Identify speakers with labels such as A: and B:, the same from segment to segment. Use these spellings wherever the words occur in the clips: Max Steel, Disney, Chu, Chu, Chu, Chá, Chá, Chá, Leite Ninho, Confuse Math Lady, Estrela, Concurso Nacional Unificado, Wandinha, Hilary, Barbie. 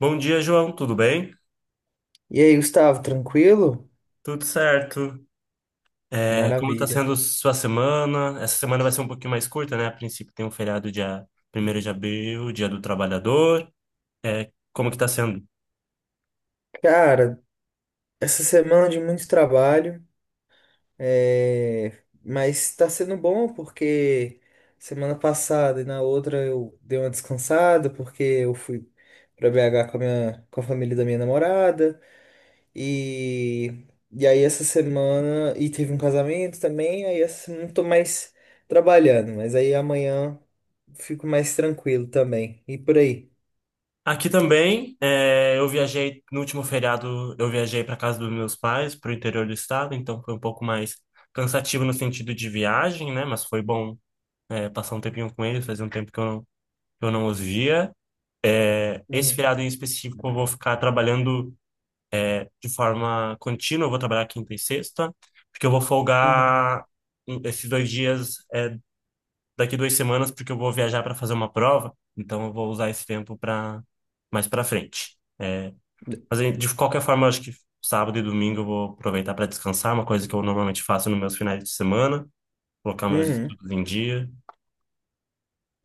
A: Bom dia, João. Tudo bem?
B: E aí, Gustavo, tranquilo?
A: Tudo certo. É, como está
B: Maravilha.
A: sendo sua semana? Essa semana vai ser um pouquinho mais curta, né? A princípio tem um feriado dia 1º de abril, Dia do Trabalhador. É, como que está sendo?
B: Cara, essa semana de muito trabalho, é, mas tá sendo bom porque semana passada e na outra eu dei uma descansada porque eu fui pra BH com a família da minha namorada e... e aí essa semana e teve um casamento também, aí essa semana eu tô mais trabalhando, mas aí amanhã fico mais tranquilo também. E por aí.
A: Aqui também, é, eu viajei no último feriado, eu viajei para casa dos meus pais, para o interior do estado, então foi um pouco mais cansativo no sentido de viagem, né? Mas foi bom, é, passar um tempinho com eles, fazia um tempo que eu não os via. É, esse
B: Uhum.
A: feriado em específico eu vou ficar trabalhando de forma contínua, eu vou trabalhar quinta e sexta, porque eu vou
B: Uhum.
A: folgar esses dois dias, daqui 2 semanas, porque eu vou viajar para fazer uma prova, então eu vou usar esse tempo para mais para frente. É, mas aí, de qualquer forma, eu acho que sábado e domingo eu vou aproveitar para descansar, uma coisa que eu normalmente faço nos meus finais de semana, colocar meus
B: Uhum.
A: estudos em dia.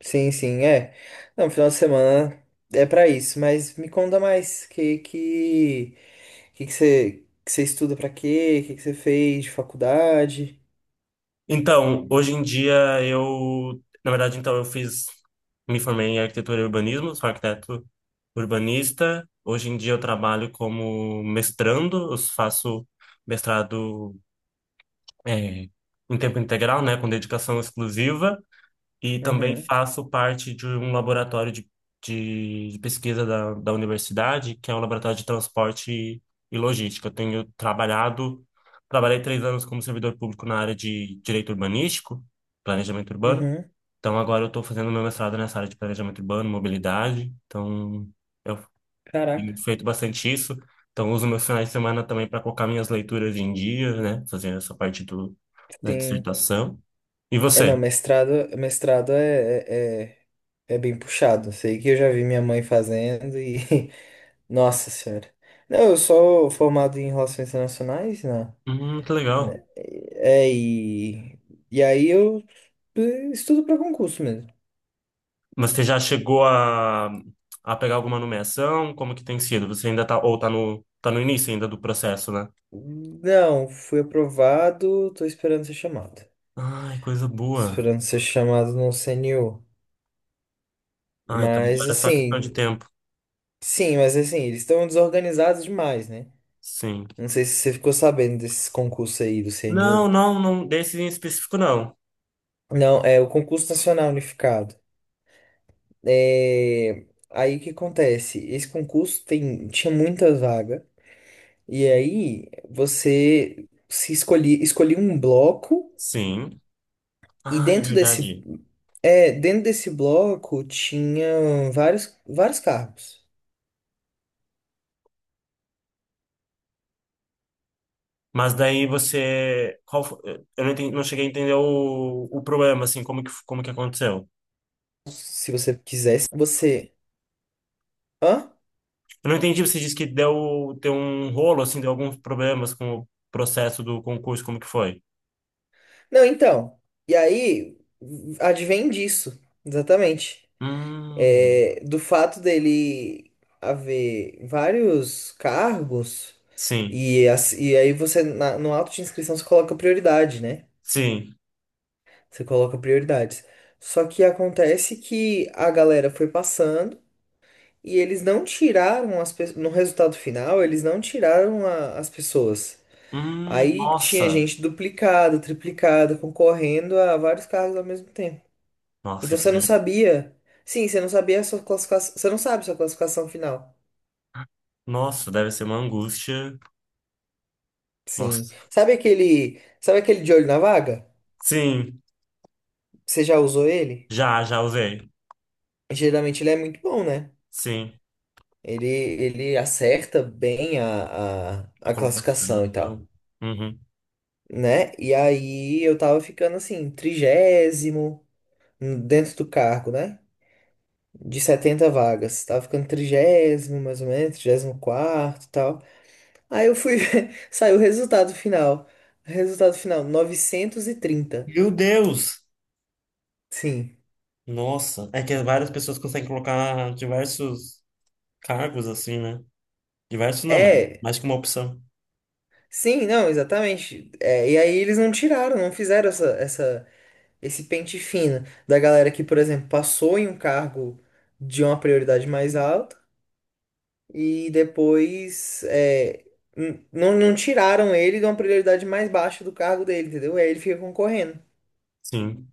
B: Sim, sim, é. Não, final de semana é pra isso, mas me conta mais, que que você estuda pra quê? Que você fez de faculdade?
A: Então, hoje em dia eu, na verdade, me formei em arquitetura e urbanismo, sou arquiteto urbanista. Hoje em dia eu trabalho como mestrando, eu faço mestrado eh, em tempo integral, né, com dedicação exclusiva. E também
B: Uhum.
A: faço parte de um laboratório de pesquisa da universidade, que é um laboratório de transporte e logística. Trabalhei 3 anos como servidor público na área de direito urbanístico, planejamento urbano.
B: Uhum.
A: Então agora eu estou fazendo meu mestrado nessa área de planejamento urbano, mobilidade. Então eu
B: Caraca.
A: tenho feito bastante isso. Então uso meus finais de semana também para colocar minhas leituras em dia, né? Fazer essa parte da
B: Sim.
A: dissertação. E
B: É,
A: você?
B: não, mestrado, mestrado é bem puxado. Sei que eu já vi minha mãe fazendo e nossa senhora. Não, eu sou formado em relações internacionais, não.
A: Que legal.
B: Né? É, e aí eu estudo pra concurso mesmo.
A: Mas você já chegou a pegar alguma nomeação? Como que tem sido? Você ainda tá no início ainda do processo, né?
B: Hum. Não, fui aprovado, tô esperando ser chamado.
A: Ai, coisa boa.
B: Esperando ser chamado no CNU.
A: Ai, então
B: Mas
A: agora é só questão de
B: assim,
A: tempo.
B: sim, eles estão desorganizados demais, né?
A: Sim.
B: Não sei se você ficou sabendo desses concursos aí do
A: Não,
B: CNU.
A: não, não, desse em específico não.
B: Não, é o Concurso Nacional Unificado. É. Aí o que acontece? Esse concurso tinha muita vaga, e aí você se escolhia, escolhia um bloco.
A: Sim.
B: E
A: Ah, é
B: dentro desse,
A: verdade.
B: dentro desse bloco tinha vários carros.
A: Mas daí você, eu não entendi, não cheguei a entender o problema, assim, como que aconteceu.
B: Se você quisesse, você. Hã?
A: Eu não entendi, você disse que deu um rolo, assim, deu alguns problemas com o processo do concurso, como que foi?
B: Não, então. E aí, advém disso, exatamente.
A: Hum,
B: É, do fato dele haver vários cargos,
A: sim.
B: e aí você, no auto de inscrição, você coloca prioridade, né?
A: Sim.
B: Você coloca prioridades. Só que acontece que a galera foi passando. E eles não tiraram as pessoas. No resultado final, eles não tiraram as pessoas. Aí tinha
A: Nossa.
B: gente duplicada, triplicada, concorrendo a vários cargos ao mesmo tempo.
A: Nossa,
B: Então
A: isso
B: você não
A: deve...
B: sabia. Sim, você não sabia a sua classificação. Você não sabe sua classificação final.
A: Nossa, deve ser uma angústia.
B: Sim.
A: Nossa.
B: Sabe aquele. Sabe aquele de olho na vaga?
A: Sim,
B: Você já usou ele?
A: já usei.
B: Geralmente ele é muito bom, né?
A: Sim,
B: Ele acerta bem a, a,
A: a
B: a classificação e tal,
A: colocação. Uhum.
B: né? E aí eu tava ficando assim, 30º dentro do cargo, né? De 70 vagas. Tava ficando 30º, mais ou menos, 34º e tal. Aí eu fui ver, saiu o resultado final. Resultado final, 930.
A: Meu Deus!
B: Sim.
A: Nossa, é que várias pessoas conseguem colocar diversos cargos assim, né? Diversos não, mano.
B: É.
A: Mais que uma opção.
B: Sim, não, exatamente. É, e aí eles não tiraram, não fizeram esse pente fino da galera que, por exemplo, passou em um cargo de uma prioridade mais alta e depois não tiraram ele de uma prioridade mais baixa do cargo dele, entendeu? Aí ele fica concorrendo.
A: Sim.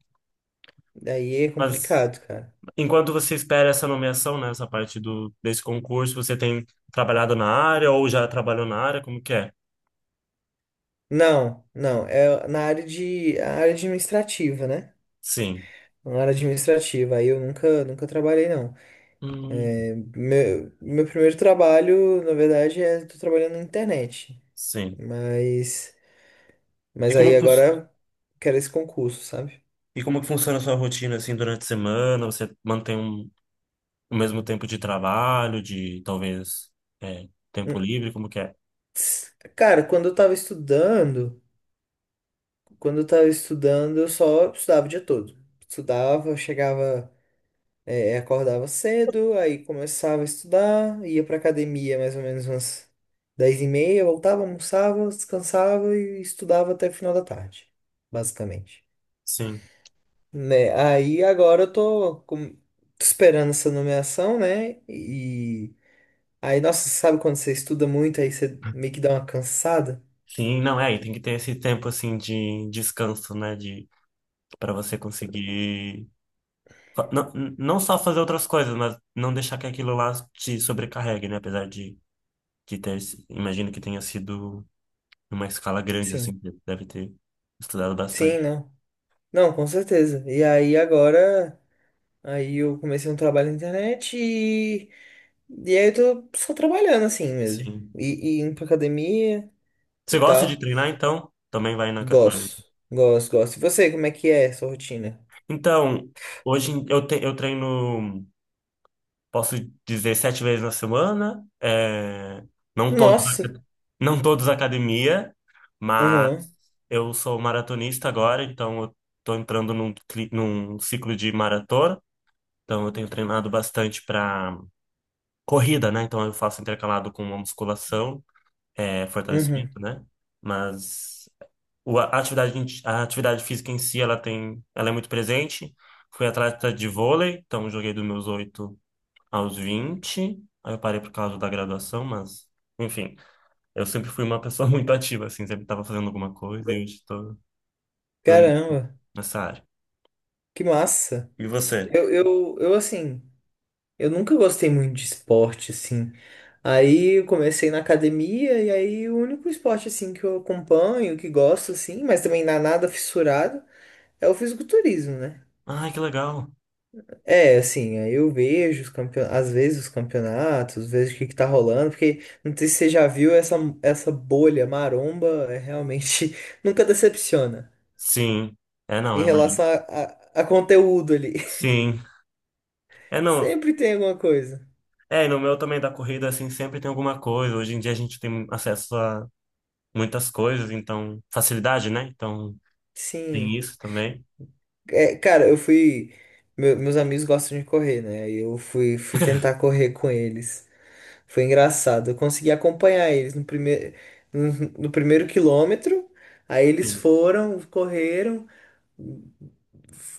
B: Daí é
A: Mas
B: complicado, cara.
A: enquanto você espera essa nomeação, né? Essa parte desse concurso, você tem trabalhado na área ou já trabalhou na área? Como que é?
B: Não, não, é na área de a área administrativa, né?
A: Sim.
B: Na área administrativa, aí eu nunca trabalhei, não.
A: Hum,
B: É, meu primeiro trabalho, na verdade, tô trabalhando na internet.
A: sim.
B: Mas,
A: E
B: mas
A: como é
B: aí
A: que, fun-
B: agora eu quero esse concurso, sabe?
A: e como é que funciona a sua rotina assim durante a semana? Você mantém o mesmo tempo de trabalho, de talvez tempo
B: Hum,
A: livre, como que é?
B: Cara, quando eu tava estudando, eu só estudava o dia todo. Estudava, chegava, acordava cedo, aí começava a estudar, ia pra academia mais ou menos umas 10h30, voltava, almoçava, descansava e estudava até o final da tarde, basicamente.
A: Sim.
B: Né? Aí agora eu tô esperando essa nomeação, né? E aí, nossa, sabe quando você estuda muito, aí você meio que dá uma cansada?
A: Sim, não é, e tem que ter esse tempo assim de descanso, né, de para você conseguir não, não só fazer outras coisas, mas não deixar que aquilo lá te sobrecarregue, né, apesar de ter, imagino que tenha sido numa escala grande assim,
B: Sim.
A: que deve ter estudado
B: Sim,
A: bastante.
B: não. Não, com certeza. E aí agora. Aí eu comecei um trabalho na internet e aí eu tô só trabalhando assim mesmo.
A: Sim.
B: E indo pra academia e
A: Você gosta de
B: tal.
A: treinar então? Também vai na, vai.
B: Gosto, gosto, gosto. E você, como é que é a sua rotina?
A: Então, eu treino, posso dizer, 7 vezes na semana. É, não todos,
B: Nossa!
A: não todos academia, mas
B: Aham,
A: eu sou maratonista agora, então eu estou entrando num ciclo de maratona. Então, eu tenho treinado bastante para corrida, né? Então, eu faço intercalado com uma musculação,
B: uhum,
A: fortalecimento, né? Mas a atividade, a atividade física em si, ela é muito presente. Fui atleta de vôlei, então joguei dos meus 8 aos 20. Aí eu parei por causa da graduação, mas, enfim, eu sempre fui uma pessoa muito ativa, assim, sempre estava fazendo alguma coisa e hoje estou
B: Caramba,
A: nessa área.
B: que massa!
A: E você?
B: Eu, assim, eu nunca gostei muito de esporte, assim. Aí eu comecei na academia e aí o único esporte, assim, que eu acompanho, que gosto, assim, mas também não é nada fissurado, é o fisiculturismo, né?
A: Ai, que legal.
B: É, assim, aí eu vejo os às vezes os campeonatos, vejo o que que tá rolando, porque não sei se você já viu essa bolha maromba, é realmente nunca decepciona
A: Sim. É, não,
B: em
A: é uma...
B: relação a conteúdo ali.
A: Sim. É, não.
B: Sempre tem alguma coisa.
A: É, e no meu também da corrida, assim, sempre tem alguma coisa. Hoje em dia a gente tem acesso a muitas coisas, então, facilidade, né? Então, tem
B: Sim.
A: isso também.
B: É, cara, meus amigos gostam de correr, né? Aí eu fui tentar correr com eles. Foi engraçado. Eu consegui acompanhar eles no primeiro, no no primeiro quilômetro. Aí eles
A: Sim.
B: foram, correram.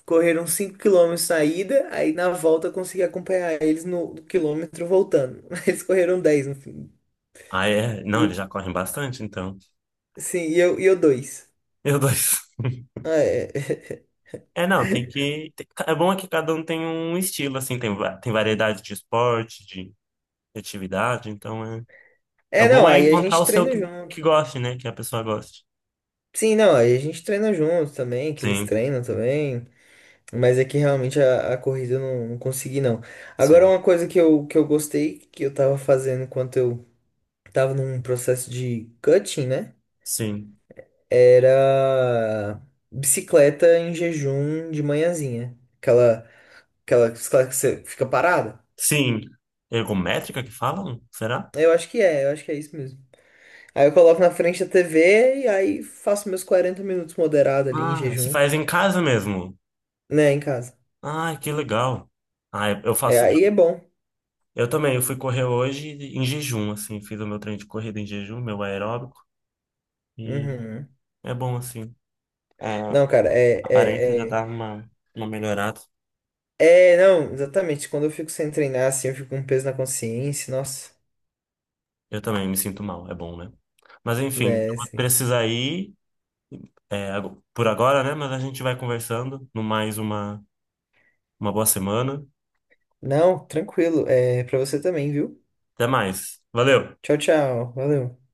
B: Correram 5 quilômetros saída aí na volta eu consegui acompanhar eles no quilômetro voltando. Eles correram 10 no fim.
A: Ah, é? Não, eles já
B: Eu-
A: correm bastante, então.
B: sim, e eu 2.
A: Meu Deus.
B: é, é,
A: É, não, tem que. É bom é que cada um tem um estilo, assim, tem variedade de esporte, de atividade, então é. É
B: É, não,
A: bom é
B: aí a
A: encontrar o
B: gente
A: seu
B: treina
A: que,
B: junto.
A: goste, né? Que a pessoa goste.
B: Sim, não, aí a gente treina junto também, que eles
A: Sim,
B: treinam também. Mas é que realmente a corrida eu não consegui, não. Agora,
A: sim,
B: uma coisa que eu gostei, que eu tava fazendo enquanto eu tava num processo de cutting, né?
A: sim.
B: Era bicicleta em jejum de manhãzinha. Aquela bicicleta que você fica parada.
A: Sim. Ergométrica que falam? Será?
B: Eu acho que é isso mesmo. Aí eu coloco na frente da TV e aí faço meus 40 minutos moderado ali em
A: Ah, se
B: jejum,
A: faz em casa mesmo.
B: né, em casa.
A: Ah, que legal. Ah, eu
B: É,
A: faço.
B: aí é bom.
A: Eu também, eu fui correr hoje em jejum, assim, fiz o meu treino de corrida em jejum, meu aeróbico.
B: Uhum.
A: É bom assim. É, a
B: Não, cara, é,
A: aparência já
B: é, é.
A: tá uma, melhorada.
B: É, não, exatamente. Quando eu fico sem treinar, assim, eu fico com um peso na consciência. Nossa,
A: Eu também me sinto mal, é bom, né? Mas enfim,
B: né,
A: eu vou
B: assim.
A: precisar ir por agora, né? Mas a gente vai conversando. No mais, uma, boa semana.
B: Não, tranquilo. É pra você também, viu?
A: Até mais. Valeu!
B: Tchau, tchau. Valeu.